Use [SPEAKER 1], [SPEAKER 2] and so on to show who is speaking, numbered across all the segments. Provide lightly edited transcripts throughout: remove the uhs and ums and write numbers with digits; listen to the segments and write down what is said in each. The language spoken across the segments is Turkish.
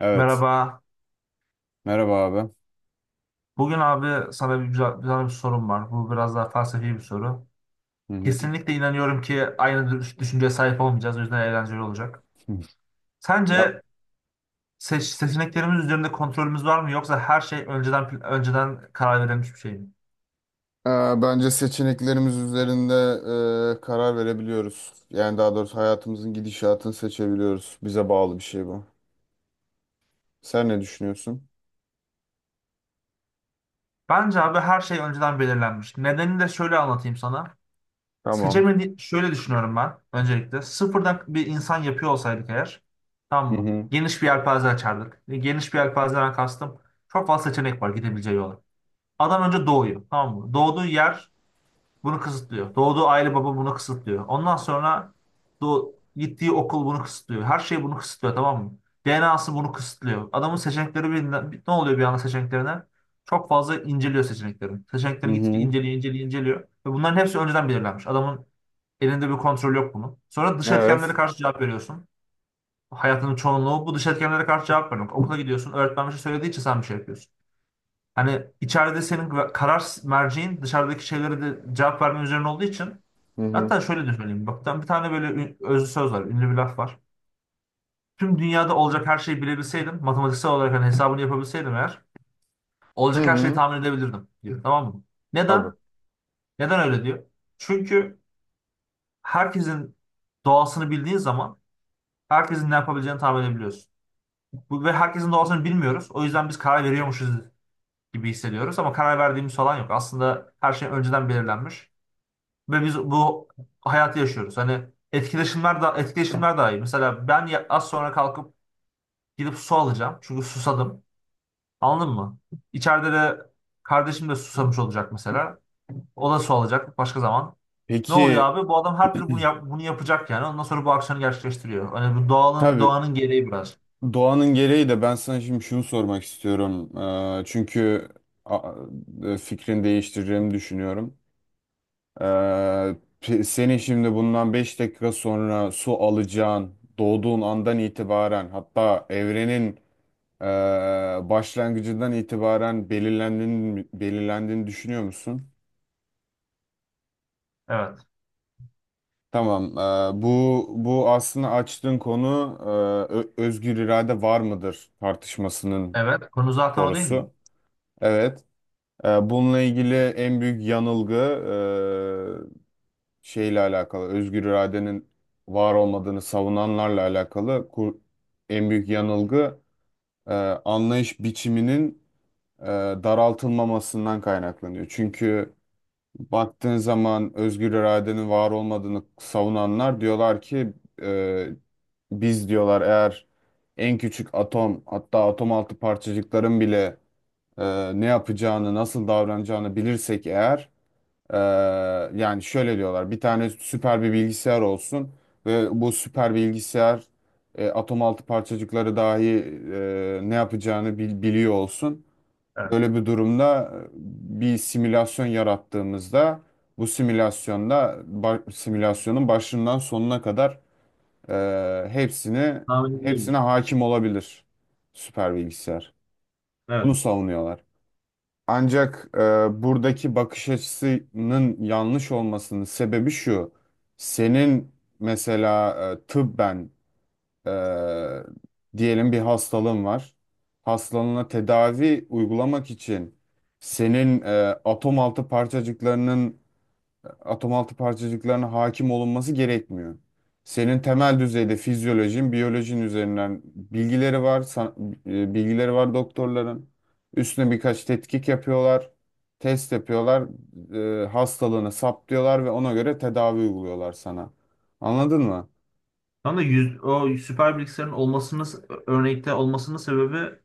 [SPEAKER 1] Evet.
[SPEAKER 2] Merhaba.
[SPEAKER 1] Merhaba abi.
[SPEAKER 2] Bugün abi sana bir güzel, güzel bir sorum var. Bu biraz daha felsefi bir soru.
[SPEAKER 1] Hı hı.
[SPEAKER 2] Kesinlikle inanıyorum ki aynı düşünceye sahip olmayacağız. O yüzden eğlenceli olacak.
[SPEAKER 1] Ya,
[SPEAKER 2] Sence seçeneklerimiz üzerinde kontrolümüz var mı, yoksa her şey önceden karar verilmiş bir şey mi?
[SPEAKER 1] bence seçeneklerimiz üzerinde karar verebiliyoruz. Yani daha doğrusu hayatımızın gidişatını seçebiliyoruz. Bize bağlı bir şey bu. Sen ne düşünüyorsun?
[SPEAKER 2] Bence abi her şey önceden belirlenmiş. Nedenini de şöyle anlatayım sana.
[SPEAKER 1] Tamam.
[SPEAKER 2] Seçemedi şöyle düşünüyorum ben öncelikle. Sıfırdan bir insan yapıyor olsaydık eğer,
[SPEAKER 1] Hı
[SPEAKER 2] tamam mı?
[SPEAKER 1] hı.
[SPEAKER 2] Geniş bir yelpaze açardık. Geniş bir yelpazeden kastım çok fazla seçenek var gidebileceği yol. Adam önce doğuyor. Tamam mı? Doğduğu yer bunu kısıtlıyor. Doğduğu aile baba bunu kısıtlıyor. Ondan sonra gittiği okul bunu kısıtlıyor. Her şey bunu kısıtlıyor, tamam mı? DNA'sı bunu kısıtlıyor. Adamın seçenekleri ne oluyor bir anda seçeneklerine? Çok fazla inceliyor seçeneklerini.
[SPEAKER 1] Hı
[SPEAKER 2] Seçeneklerini gittikçe
[SPEAKER 1] hı.
[SPEAKER 2] inceliyor. Ve bunların hepsi önceden belirlenmiş. Adamın elinde bir kontrol yok bunun. Sonra dış etkenlere
[SPEAKER 1] Evet.
[SPEAKER 2] karşı cevap veriyorsun. Hayatının çoğunluğu bu dış etkenlere karşı cevap vermek. Okula gidiyorsun, öğretmen bir şey söylediği için sen bir şey yapıyorsun. Hani içeride senin karar merceğin dışarıdaki şeylere de cevap verme üzerine olduğu için
[SPEAKER 1] Hı hı.
[SPEAKER 2] hatta şöyle de söyleyeyim. Bak ben bir tane böyle özlü söz var, ünlü bir laf var. Tüm dünyada olacak her şeyi bilebilseydim, matematiksel olarak hani hesabını yapabilseydim eğer,
[SPEAKER 1] Hı
[SPEAKER 2] olacak her şeyi
[SPEAKER 1] hı.
[SPEAKER 2] tahmin edebilirdim diyor. Tamam mı?
[SPEAKER 1] Abi.
[SPEAKER 2] Neden? Neden öyle diyor? Çünkü herkesin doğasını bildiğin zaman herkesin ne yapabileceğini tahmin edebiliyorsun. Ve herkesin doğasını bilmiyoruz. O yüzden biz karar veriyormuşuz gibi hissediyoruz ama karar verdiğimiz falan yok. Aslında her şey önceden belirlenmiş. Ve biz bu hayatı yaşıyoruz. Hani etkileşimler daha iyi. Mesela ben az sonra kalkıp gidip su alacağım. Çünkü susadım. Anladın mı? İçeride de kardeşim de susamış olacak mesela. O da su alacak başka zaman. Ne oluyor
[SPEAKER 1] Peki
[SPEAKER 2] abi? Bu adam her türlü bunu yapacak yani. Ondan sonra bu aksiyonu gerçekleştiriyor. Hani bu doğanın
[SPEAKER 1] tabii
[SPEAKER 2] doğanın gereği biraz.
[SPEAKER 1] doğanın gereği de ben sana şimdi şunu sormak istiyorum. Çünkü a- fikrini değiştireceğimi düşünüyorum. Ee, senin şimdi bundan 5 dakika sonra su alacağın, doğduğun andan itibaren, hatta evrenin ee, başlangıcından itibaren belirlendiğini, belirlendiğini düşünüyor musun?
[SPEAKER 2] Evet.
[SPEAKER 1] Tamam. Bu aslında açtığın konu, özgür irade var mıdır tartışmasının
[SPEAKER 2] Evet. Konu zaten o değil mi?
[SPEAKER 1] sorusu. Evet. Bununla ilgili en büyük yanılgı şeyle alakalı, özgür iradenin var olmadığını savunanlarla alakalı. En büyük yanılgı e, anlayış biçiminin e, daraltılmamasından kaynaklanıyor. Çünkü baktığın zaman özgür iradenin var olmadığını savunanlar diyorlar ki e, biz diyorlar, eğer en küçük atom, hatta atom altı parçacıkların bile ne yapacağını, nasıl davranacağını bilirsek eğer, ee, yani şöyle diyorlar, bir tane süper bir bilgisayar olsun ve bu süper bilgisayar atom altı parçacıkları dahi ne yapacağını biliyor olsun.
[SPEAKER 2] Evet.
[SPEAKER 1] Böyle bir durumda bir simülasyon yarattığımızda, bu simülasyonda simülasyonun başından sonuna kadar e, hepsini
[SPEAKER 2] Tahmin
[SPEAKER 1] hepsine
[SPEAKER 2] edilebilir.
[SPEAKER 1] hakim olabilir süper bilgisayar. Bunu
[SPEAKER 2] Evet.
[SPEAKER 1] savunuyorlar. Ancak buradaki bakış açısının yanlış olmasının sebebi şu. Senin mesela tıbben, e, diyelim, bir hastalığın var. Hastalığına tedavi uygulamak için senin atom altı parçacıklarının atom altı parçacıklarına hakim olunması gerekmiyor. Senin temel düzeyde fizyolojin, biyolojin üzerinden bilgileri var doktorların. Üstüne birkaç tetkik yapıyorlar, test yapıyorlar, hastalığını saptıyorlar ve ona göre tedavi uyguluyorlar sana. Anladın mı?
[SPEAKER 2] O süper bilgisayarın örnekte olmasının sebebi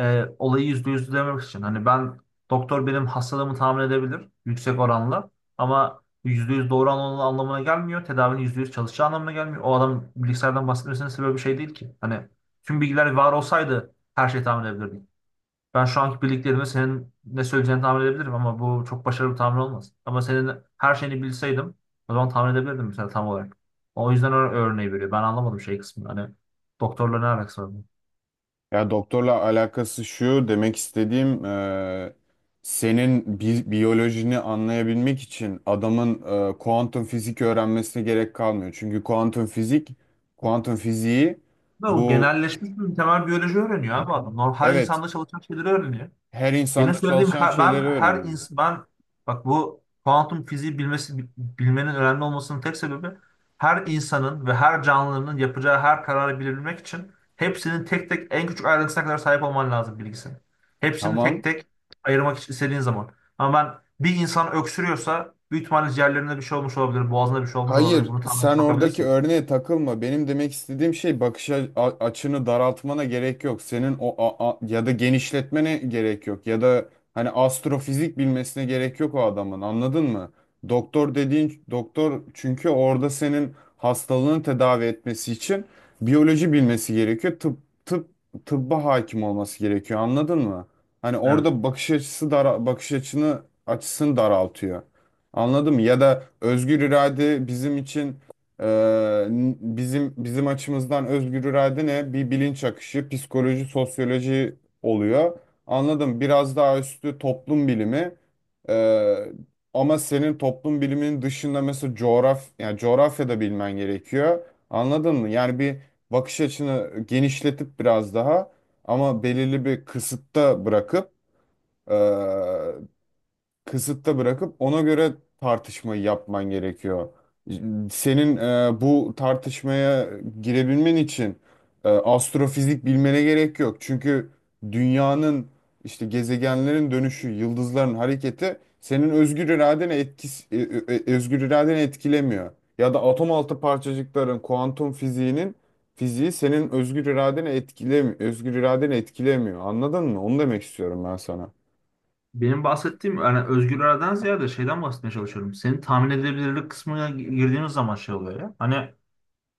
[SPEAKER 2] olayı yüzde yüz demek için. Hani ben doktor benim hastalığımı tahmin edebilir yüksek oranla ama yüzde yüz doğru anlamına gelmiyor. Tedavinin yüzde yüz çalışacağı anlamına gelmiyor. O adam bilgisayardan bahsetmesinin sebebi bir şey değil ki. Hani tüm bilgiler var olsaydı her şeyi tahmin edebilirdim. Ben şu anki bildiklerimi senin ne söyleyeceğini tahmin edebilirim ama bu çok başarılı bir tahmin olmaz. Ama senin her şeyini bilseydim o zaman tahmin edebilirdim mesela tam olarak. O yüzden o örneği veriyor. Ben anlamadım şey kısmını. Hani doktorla ne alakası var bunun?
[SPEAKER 1] Ya, doktorla alakası şu, demek istediğim senin biyolojini anlayabilmek için adamın kuantum fizik öğrenmesine gerek kalmıyor. Çünkü kuantum fiziği,
[SPEAKER 2] Ve o
[SPEAKER 1] bu,
[SPEAKER 2] genelleşmiş bir temel biyoloji öğreniyor abi adam. Normal, her
[SPEAKER 1] evet,
[SPEAKER 2] insanda çalışan şeyleri öğreniyor.
[SPEAKER 1] her
[SPEAKER 2] Benim
[SPEAKER 1] insanda
[SPEAKER 2] söylediğim
[SPEAKER 1] çalışan
[SPEAKER 2] her- ben
[SPEAKER 1] şeyleri
[SPEAKER 2] her
[SPEAKER 1] öğreniyor.
[SPEAKER 2] insan ben Bak bu kuantum fiziği bilmenin önemli olmasının tek sebebi her insanın ve her canlının yapacağı her kararı bilebilmek için hepsinin tek tek en küçük ayrıntısına kadar sahip olman lazım bilgisini. Hepsini tek
[SPEAKER 1] Tamam.
[SPEAKER 2] tek ayırmak için istediğin zaman. Ama ben bir insan öksürüyorsa büyük ihtimalle ciğerlerinde bir şey olmuş olabilir, boğazında bir şey olmuş olabilir.
[SPEAKER 1] Hayır,
[SPEAKER 2] Bunu tahmin edip
[SPEAKER 1] sen oradaki
[SPEAKER 2] bakabilirsin.
[SPEAKER 1] örneğe takılma. Benim demek istediğim şey, bakış açını daraltmana gerek yok. Senin o ya da genişletmene gerek yok. Ya da hani, astrofizik bilmesine gerek yok o adamın. Anladın mı? Doktor dediğin doktor, çünkü orada senin hastalığını tedavi etmesi için biyoloji bilmesi gerekiyor. Tıp tıp tıbba hakim olması gerekiyor. Anladın mı? Hani orada bakış açısını daraltıyor. Anladım. Ya da özgür irade bizim için, e, bizim açımızdan, özgür irade ne? Bir bilinç akışı, psikoloji, sosyoloji oluyor. Anladım. Biraz daha üstü toplum bilimi. E, ama senin toplum biliminin dışında, mesela yani coğrafya da bilmen gerekiyor. Anladın mı? Yani bir, bakış açını genişletip biraz daha, ama belirli bir kısıtta bırakıp, kısıtta bırakıp ona göre tartışmayı yapman gerekiyor. Senin bu tartışmaya girebilmen için astrofizik bilmene gerek yok. Çünkü dünyanın, işte gezegenlerin dönüşü, yıldızların hareketi, senin özgür iradene etkisi, özgür iradeni etkilemiyor. Ya da atom altı parçacıkların kuantum fiziğinin fiziği senin özgür iradeni etkilemiyor, özgür iradeni etkilemiyor. Anladın mı? Onu demek istiyorum ben sana.
[SPEAKER 2] Benim bahsettiğim yani özgür iraden ziyade şeyden bahsetmeye çalışıyorum. Senin tahmin edebilirlik kısmına girdiğimiz zaman şey oluyor ya. Hani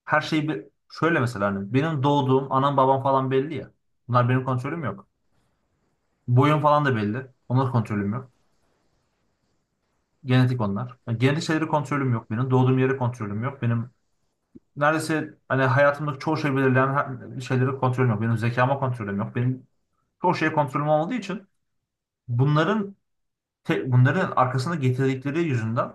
[SPEAKER 2] her şey bir, şöyle mesela hani benim doğduğum anam babam falan belli ya. Bunlar benim kontrolüm yok. Boyum falan da belli. Onlar kontrolüm yok. Genetik onlar. Yani genetik şeyleri kontrolüm yok benim. Doğduğum yeri kontrolüm yok. Benim neredeyse hani hayatımdaki çoğu şey belirleyen şeyleri kontrolüm yok. Benim zekama kontrolüm yok. Benim çoğu şeye kontrolüm olmadığı için bunların bunların arkasında getirdikleri yüzünden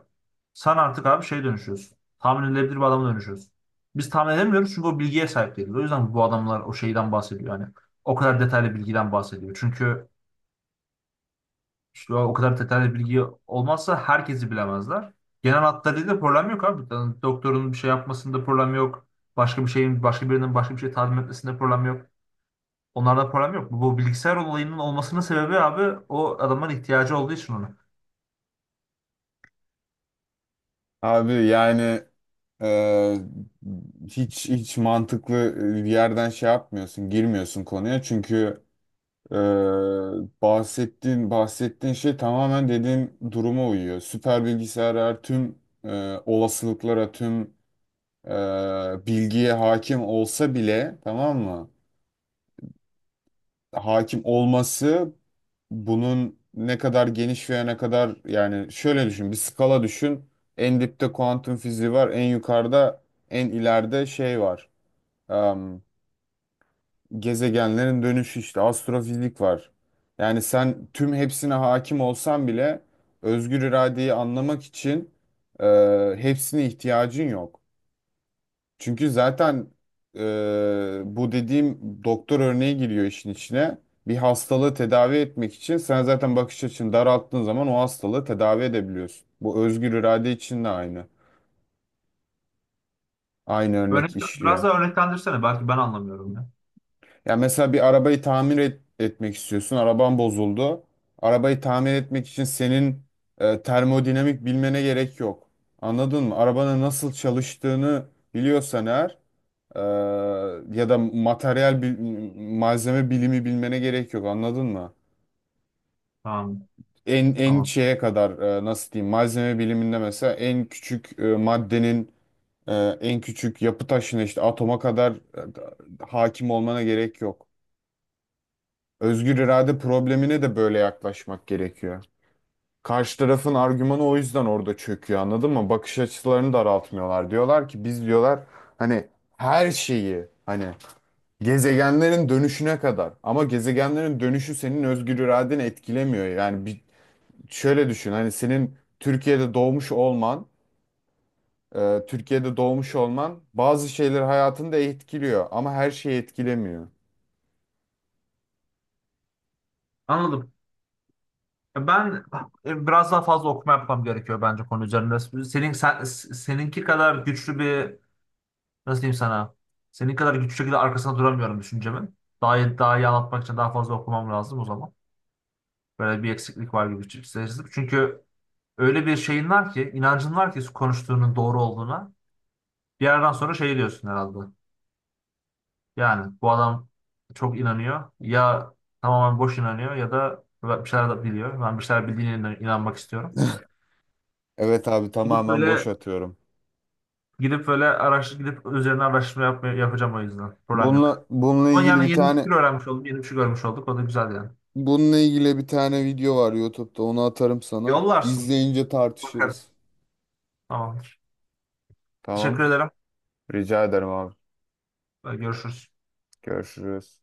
[SPEAKER 2] sen artık abi şey dönüşüyorsun. Tahmin edilebilir bir adama dönüşüyorsun. Biz tahmin edemiyoruz çünkü o bilgiye sahip değiliz. O yüzden bu adamlar o şeyden bahsediyor. Yani o kadar detaylı bilgiden bahsediyor. Çünkü işte o kadar detaylı bilgi olmazsa herkesi bilemezler. Genel hatlarıyla problem yok abi. Yani doktorun bir şey yapmasında problem yok. Başka birinin başka bir şey talim etmesinde problem yok. Onlarda problem yok. Bu bilgisayar olayının olmasının sebebi abi o adamın ihtiyacı olduğu için ona.
[SPEAKER 1] Abi yani, e, hiç hiç mantıklı bir yerden şey yapmıyorsun, girmiyorsun konuya, çünkü e, bahsettiğin, bahsettiğin şey tamamen dediğin duruma uyuyor. Süper bilgisayarlar tüm olasılıklara, tüm e, bilgiye hakim olsa bile, tamam mı? Hakim olması, bunun ne kadar geniş veya ne kadar, yani şöyle düşün, bir skala düşün. En dipte kuantum fiziği var, en ileride şey var. Am, gezegenlerin dönüşü, işte astrofizik var. Yani sen tüm hepsine hakim olsan bile, özgür iradeyi anlamak için e, hepsine ihtiyacın yok. Çünkü zaten e, bu dediğim doktor örneği giriyor işin içine. Bir hastalığı tedavi etmek için sen zaten bakış açını daralttığın zaman o hastalığı tedavi edebiliyorsun. Bu, özgür irade için de aynı. Aynı
[SPEAKER 2] Örnek,
[SPEAKER 1] örnek
[SPEAKER 2] biraz
[SPEAKER 1] işliyor.
[SPEAKER 2] daha örneklendirsene. Belki ben anlamıyorum ya.
[SPEAKER 1] Ya mesela bir arabayı tamir etmek istiyorsun. Araban bozuldu. Arabayı tamir etmek için senin termodinamik bilmene gerek yok. Anladın mı? Arabanın nasıl çalıştığını biliyorsan eğer, Ee, ya da malzeme bilimi bilmene gerek yok, anladın mı?
[SPEAKER 2] Tamam.
[SPEAKER 1] En
[SPEAKER 2] Tamam.
[SPEAKER 1] şeye kadar, nasıl diyeyim, malzeme biliminde mesela en küçük maddenin, e, en küçük yapı taşına, işte atoma kadar hakim olmana gerek yok. Özgür irade problemine de böyle yaklaşmak gerekiyor. Karşı tarafın argümanı o yüzden orada çöküyor, anladın mı? Bakış açılarını daraltmıyorlar. Diyorlar ki, biz diyorlar hani her şeyi, hani gezegenlerin dönüşüne kadar. Ama gezegenlerin dönüşü senin özgür iradeni etkilemiyor. Yani bir, şöyle düşün. Hani senin Türkiye'de doğmuş olman, bazı şeyleri hayatında etkiliyor ama her şeyi etkilemiyor.
[SPEAKER 2] Anladım. Ben biraz daha fazla okuma yapmam gerekiyor bence konu üzerinde. Seninki kadar güçlü bir nasıl diyeyim sana? Senin kadar güçlü şekilde arkasına duramıyorum düşüncemin. Daha iyi anlatmak için daha fazla okumam lazım o zaman. Böyle bir eksiklik var gibi hissediyorum. Çünkü öyle bir şeyin var ki, inancın var ki konuştuğunun doğru olduğuna. Bir yerden sonra şey diyorsun herhalde. Yani bu adam çok inanıyor. Ya tamamen boş inanıyor ya da bir şeyler de biliyor. Ben bir şeyler bildiğine inanmak istiyorum.
[SPEAKER 1] Evet abi,
[SPEAKER 2] Gidip
[SPEAKER 1] tamamen boş
[SPEAKER 2] böyle
[SPEAKER 1] atıyorum.
[SPEAKER 2] gidip böyle gidip üzerine araştırma yapacağım o yüzden. Problem yok.
[SPEAKER 1] Bununla bununla
[SPEAKER 2] Ama
[SPEAKER 1] ilgili
[SPEAKER 2] yani
[SPEAKER 1] bir
[SPEAKER 2] yeni bir
[SPEAKER 1] tane
[SPEAKER 2] fikir öğrenmiş oldum. Yeni bir şey görmüş olduk. O da güzel yani.
[SPEAKER 1] bununla ilgili bir tane video var YouTube'da. Onu atarım sana.
[SPEAKER 2] Yollarsın.
[SPEAKER 1] İzleyince tartışırız.
[SPEAKER 2] Bakarız. Tamamdır.
[SPEAKER 1] Tamam.
[SPEAKER 2] Teşekkür ederim.
[SPEAKER 1] Rica ederim abi.
[SPEAKER 2] Görüşürüz.
[SPEAKER 1] Görüşürüz.